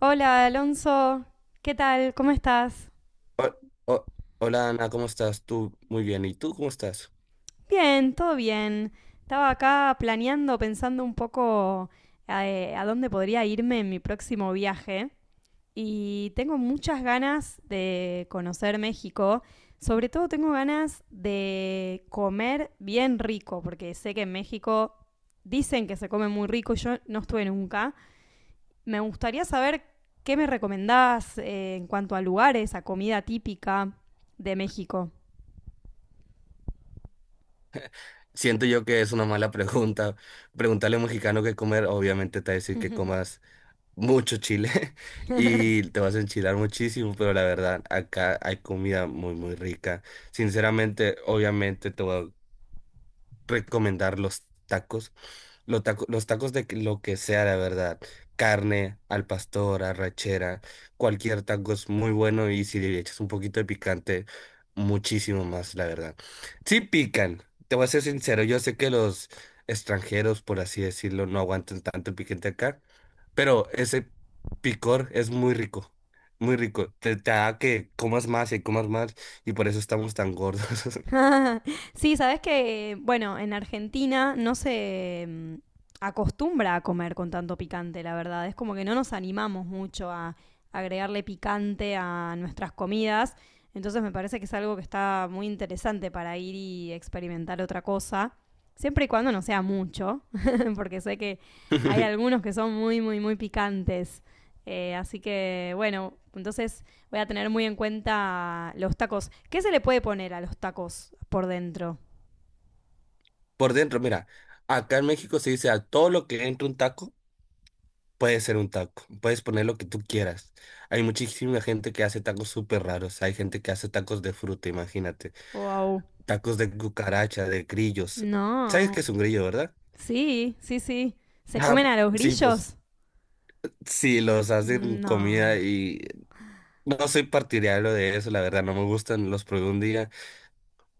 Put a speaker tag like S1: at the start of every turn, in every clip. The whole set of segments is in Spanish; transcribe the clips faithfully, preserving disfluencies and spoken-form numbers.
S1: Hola Alonso, ¿qué tal? ¿Cómo estás?
S2: Ho- ho- Hola Ana, ¿cómo estás? Tú muy bien. ¿Y tú cómo estás?
S1: Bien, todo bien. Estaba acá planeando, pensando un poco eh, a dónde podría irme en mi próximo viaje y tengo muchas ganas de conocer México. Sobre todo tengo ganas de comer bien rico, porque sé que en México dicen que se come muy rico y yo no estuve nunca. Me gustaría saber qué me recomendás, eh, en cuanto a lugares, a comida típica de México.
S2: Siento yo que es una mala pregunta. Preguntarle a un mexicano qué comer, obviamente te va a decir que comas mucho chile y te vas a enchilar muchísimo, pero la verdad, acá hay comida muy, muy rica. Sinceramente, obviamente te voy recomendar los tacos. Los tacos, los tacos de lo que sea, la verdad. Carne, al pastor, arrachera, cualquier taco es muy bueno y si le echas un poquito de picante, muchísimo más, la verdad. Sí pican, te voy a ser sincero, yo sé que los extranjeros, por así decirlo, no aguantan tanto el picante acá, pero ese picor es muy rico, muy rico. Te, te da que comas más y comas más y por eso estamos tan gordos.
S1: Sí, sabes que, bueno, en Argentina no se mm, acostumbra a comer con tanto picante, la verdad. Es como que no nos animamos mucho a agregarle picante a nuestras comidas. Entonces me parece que es algo que está muy interesante para ir y experimentar otra cosa. Siempre y cuando no sea mucho, porque sé que hay algunos que son muy, muy, muy picantes. Eh, así que, bueno, entonces voy a tener muy en cuenta los tacos. ¿Qué se le puede poner a los tacos por dentro?
S2: Por dentro, mira, acá en México se dice a todo lo que entra un taco puede ser un taco, puedes poner lo que tú quieras. Hay muchísima gente que hace tacos súper raros, hay gente que hace tacos de fruta, imagínate,
S1: Wow.
S2: tacos de cucaracha, de grillos. ¿Sabes qué
S1: No.
S2: es un grillo, verdad?
S1: Sí, sí, sí. ¿Se comen
S2: Ah,
S1: a los
S2: sí, pues
S1: grillos?
S2: sí, los hacen comida
S1: No.
S2: y no soy partidario de eso, la verdad, no me gustan, los probé un día.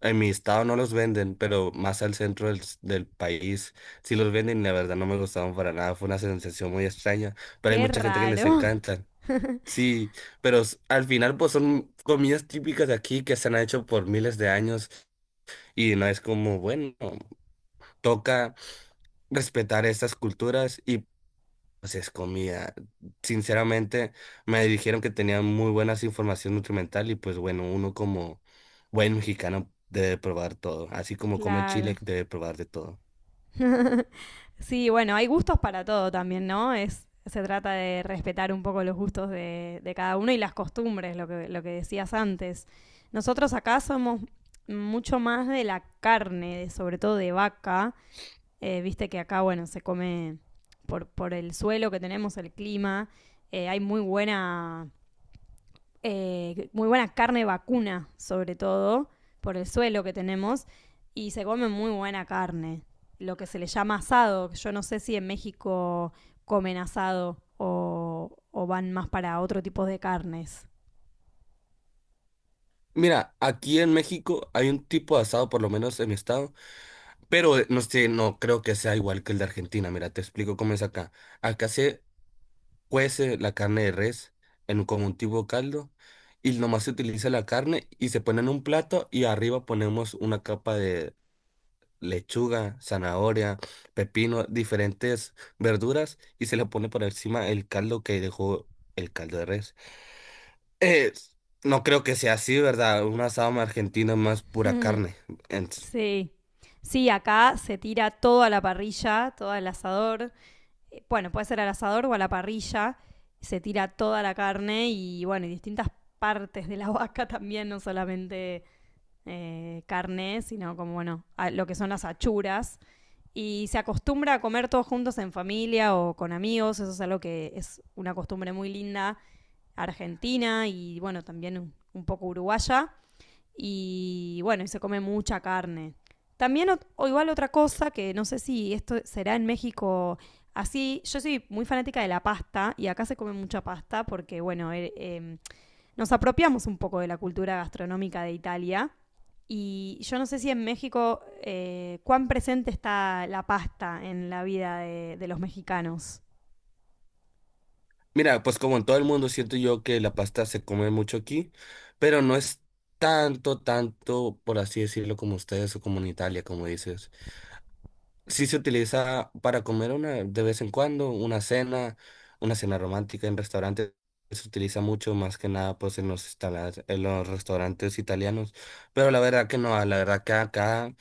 S2: En mi estado no los venden, pero más al centro del, s- del país sí los venden y la verdad no me gustaron para nada. Fue una sensación muy extraña, pero hay
S1: Qué
S2: mucha gente que les
S1: raro.
S2: encantan. Sí, pero s- al final pues son comidas típicas de aquí que se han hecho por miles de años y no es como, bueno, toca respetar estas culturas y pues es comida. Sinceramente, me dijeron que tenían muy buenas información nutrimental y pues bueno, uno como buen mexicano debe probar todo, así como come chile
S1: Claro.
S2: debe probar de todo.
S1: Sí, bueno, hay gustos para todo también, ¿no? Es, se trata de respetar un poco los gustos de, de cada uno y las costumbres, lo que, lo que decías antes. Nosotros acá somos mucho más de la carne, sobre todo de vaca. Eh, viste que acá, bueno, se come por, por el suelo que tenemos, el clima. Eh, hay muy buena, eh, muy buena carne vacuna, sobre todo, por el suelo que tenemos. Y se come muy buena carne. Lo que se le llama asado. Yo no sé si en México comen asado o, o van más para otro tipo de carnes.
S2: Mira, aquí en México hay un tipo de asado, por lo menos en mi estado, pero eh, no sé, no creo que sea igual que el de Argentina. Mira, te explico cómo es acá. Acá se cuece la carne de res en un- como un tipo caldo y nomás se utiliza la carne y se pone en un plato y arriba ponemos una capa lechuga, zanahoria, pepino, diferentes verduras y se le pone por encima el caldo que dejó el caldo de res. Eh, no creo que sea así, ¿verdad? Un asado argentino es más pura carne. Ents-
S1: Sí. Sí, acá se tira todo a la parrilla, todo al asador, eh, bueno, puede ser al asador o a la parrilla, se tira toda la carne y bueno, y distintas partes de la vaca también, no solamente eh, carne, sino como bueno, lo que son las achuras. Y se acostumbra a comer todos juntos en familia o con amigos, eso es algo que es una costumbre muy linda argentina y bueno, también un, un poco uruguaya. Y bueno, y se come mucha carne. También, ot- o igual otra cosa que no sé si esto será en México así. Yo soy muy fanática de la pasta y acá se come mucha pasta porque, bueno, eh, eh, nos apropiamos un poco de la cultura gastronómica de Italia. Y yo no sé si en México, eh, cuán presente está la pasta en la vida de, de los mexicanos.
S2: Mira, pues como en todo el mundo siento yo que la pasta se come mucho aquí, pero no es tanto, tanto, por así decirlo, como ustedes o como en Italia, como dices. Sí se utiliza para comer una de vez en cuando, una cena, una cena romántica en restaurantes. Se utiliza mucho más que nada pues en los instalas- en los restaurantes italianos. Pero la verdad que no, la verdad que acá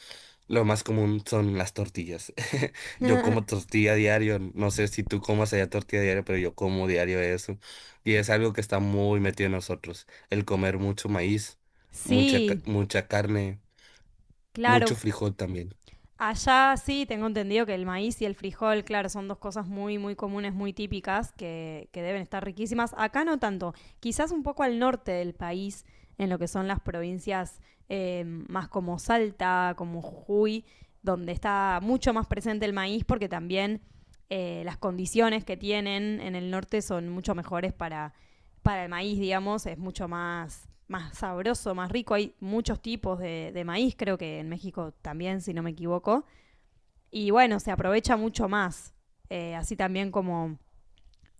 S2: lo más común son las tortillas. Yo como tortilla diario, no sé si tú comas allá tortilla diario, pero yo como diario eso. Y es algo que está muy metido en nosotros, el comer mucho maíz, mucha, ca-
S1: Sí,
S2: mucha carne, mucho
S1: claro.
S2: frijol también.
S1: Allá sí tengo entendido que el maíz y el frijol, claro, son dos cosas muy, muy comunes, muy típicas, que, que deben estar riquísimas. Acá no tanto, quizás un poco al norte del país, en lo que son las provincias, eh, más como Salta, como Jujuy, donde está mucho más presente el maíz, porque también, eh, las condiciones que tienen en el norte son mucho mejores para, para el maíz, digamos, es mucho más más sabroso, más rico. Hay muchos tipos de, de maíz, creo que en México también, si no me equivoco. Y bueno, se aprovecha mucho más. Eh, así también como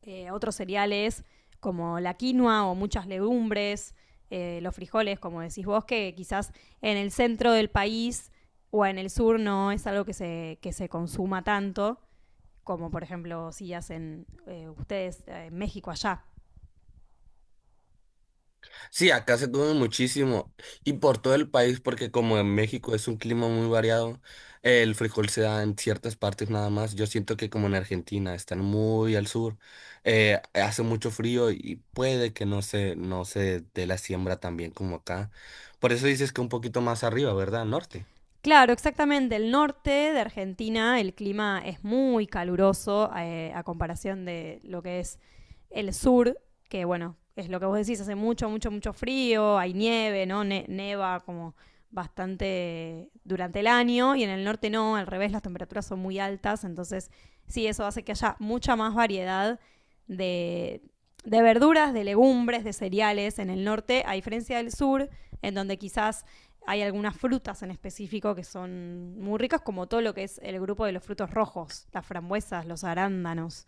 S1: eh, otros cereales como la quinoa o muchas legumbres, eh, los frijoles, como decís vos, que quizás en el centro del país o en el sur no es algo que se, que se consuma tanto, como por ejemplo si hacen, eh, ustedes, eh, en México allá.
S2: Sí, acá se come muchísimo y por todo el país, porque como en México es un clima muy variado, el frijol se da en ciertas partes nada más. Yo siento que como en Argentina están muy al sur, eh, hace mucho frío y puede que no se, no se dé la siembra tan bien como acá. Por eso dices que un poquito más arriba, ¿verdad? Norte.
S1: Claro, exactamente. El norte de Argentina, el clima es muy caluroso, eh, a comparación de lo que es el sur, que bueno, es lo que vos decís, hace mucho, mucho, mucho frío, hay nieve, ¿no? Ne- neva como bastante durante el año y en el norte no, al revés, las temperaturas son muy altas, entonces sí, eso hace que haya mucha más variedad de, de verduras, de legumbres, de cereales en el norte, a diferencia del sur, en donde quizás hay algunas frutas en específico que son muy ricas, como todo lo que es el grupo de los frutos rojos, las frambuesas, los arándanos.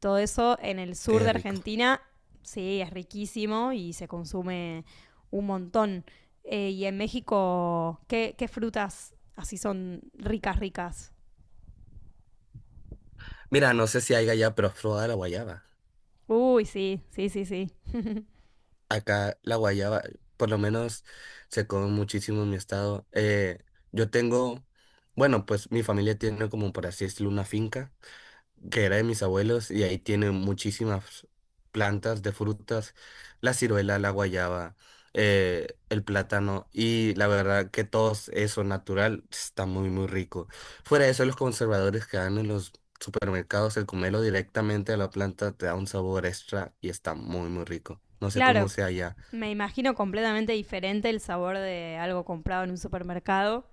S1: Todo eso en el sur
S2: Qué
S1: de
S2: rico.
S1: Argentina, sí, es riquísimo y se consume un montón. Eh, y en México, ¿qué, ¿qué frutas así son ricas, ricas?
S2: Mira, no sé si hay allá, pero has probado la guayaba.
S1: Uy, sí, sí, sí, sí.
S2: Acá la guayaba, por lo menos se come muchísimo en mi estado. Eh, yo tengo, bueno, pues mi familia tiene como por así decirlo una finca que era de mis abuelos y ahí tienen muchísimas plantas de frutas, la ciruela, la guayaba, eh, el plátano y la verdad que todo eso natural está muy muy rico. Fuera de eso, los conservadores que dan en los supermercados, el comerlo directamente a la planta te da un sabor extra y está muy muy rico. No sé cómo
S1: Claro,
S2: sea allá.
S1: me imagino completamente diferente el sabor de algo comprado en un supermercado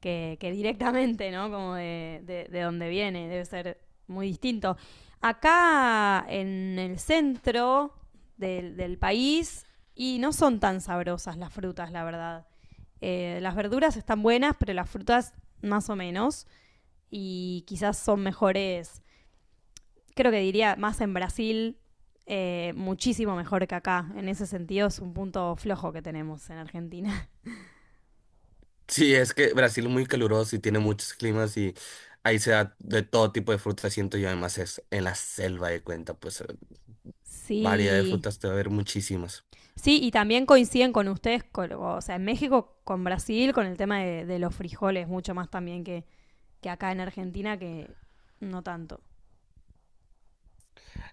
S1: que, que directamente, ¿no? Como de, de, de donde viene, debe ser muy distinto. Acá en el centro del, del país, y no son tan sabrosas las frutas, la verdad. Eh, las verduras están buenas, pero las frutas más o menos, y quizás son mejores, creo que diría más en Brasil, eh, muchísimo mejor que acá. En ese sentido es un punto flojo que tenemos en Argentina.
S2: Sí, es que Brasil es muy caluroso y tiene muchos climas y ahí se da de todo tipo de frutas, siento yo. Además es en la selva de cuenta, pues eh, variedad de
S1: Sí.
S2: frutas te va a haber muchísimas.
S1: Sí, y también coinciden con ustedes, con- o sea, en México con Brasil, con el tema de, de los frijoles, mucho más también que, que acá en Argentina, que no tanto.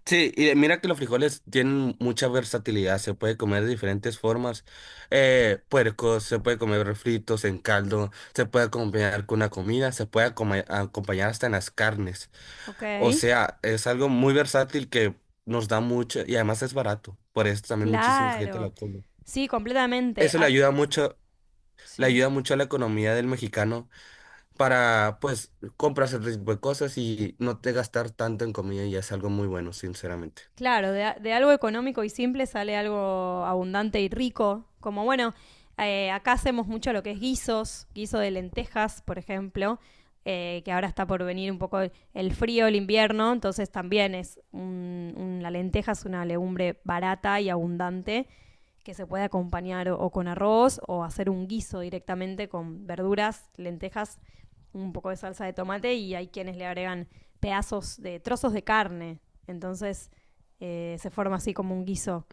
S2: Sí, y mira que los frijoles tienen mucha versatilidad, se puede comer de diferentes formas. Eh, puercos, se puede comer fritos en caldo, se puede acompañar con una comida, se puede acoma- acompañar hasta en las carnes.
S1: Ok,
S2: O sea, es algo muy versátil que nos da mucho y además es barato. Por eso también muchísima gente
S1: claro.
S2: lo come.
S1: Sí, completamente.
S2: Eso le
S1: Ac-
S2: ayuda mucho, le
S1: sí.
S2: ayuda mucho a la economía del mexicano para, pues, comprarse otro tipo de cosas y no te gastar tanto en comida y es algo muy bueno, sinceramente.
S1: Claro, de, de algo económico y simple sale algo abundante y rico. Como bueno, eh, acá hacemos mucho lo que es guisos, guiso de lentejas, por ejemplo, eh, que ahora está por venir un poco el- el frío, el invierno, entonces también es un- un- la lenteja es una legumbre barata y abundante que se puede acompañar o, o con arroz o hacer un guiso directamente con verduras, lentejas, un poco de salsa de tomate y hay quienes le agregan pedazos de trozos de carne. Entonces, eh, se forma así como un guiso,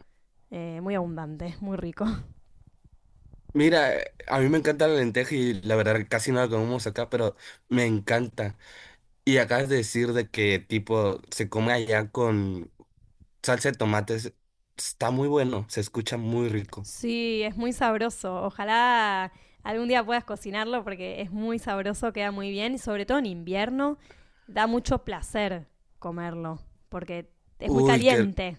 S1: eh, muy abundante, muy rico.
S2: Mira, eh, a mí me encanta la lenteja y la verdad casi no la comemos acá, pero me encanta. Y acabas de decir de que tipo se come allá con salsa de tomates. Está muy bueno, se escucha muy rico.
S1: Sí, es muy sabroso. Ojalá algún día puedas cocinarlo porque es muy sabroso, queda muy bien y sobre todo en invierno da mucho placer comerlo porque es muy
S2: Uy, que
S1: caliente.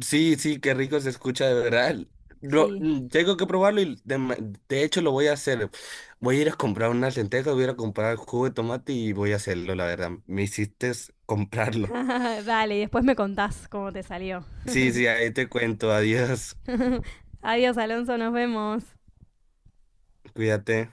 S2: Sí, sí, qué rico se escucha de verdad. Lo,
S1: Sí.
S2: mm, tengo que probarlo y de, ma- de hecho lo voy a hacer. Voy a ir a comprar unas lentejas, voy a ir a comprar jugo de tomate y voy a hacerlo, la verdad. Me hiciste comprarlo.
S1: Dale, y después me contás cómo te salió.
S2: Sí, sí, ahí te cuento. Adiós.
S1: Adiós, Alonso, nos vemos.
S2: Cuídate.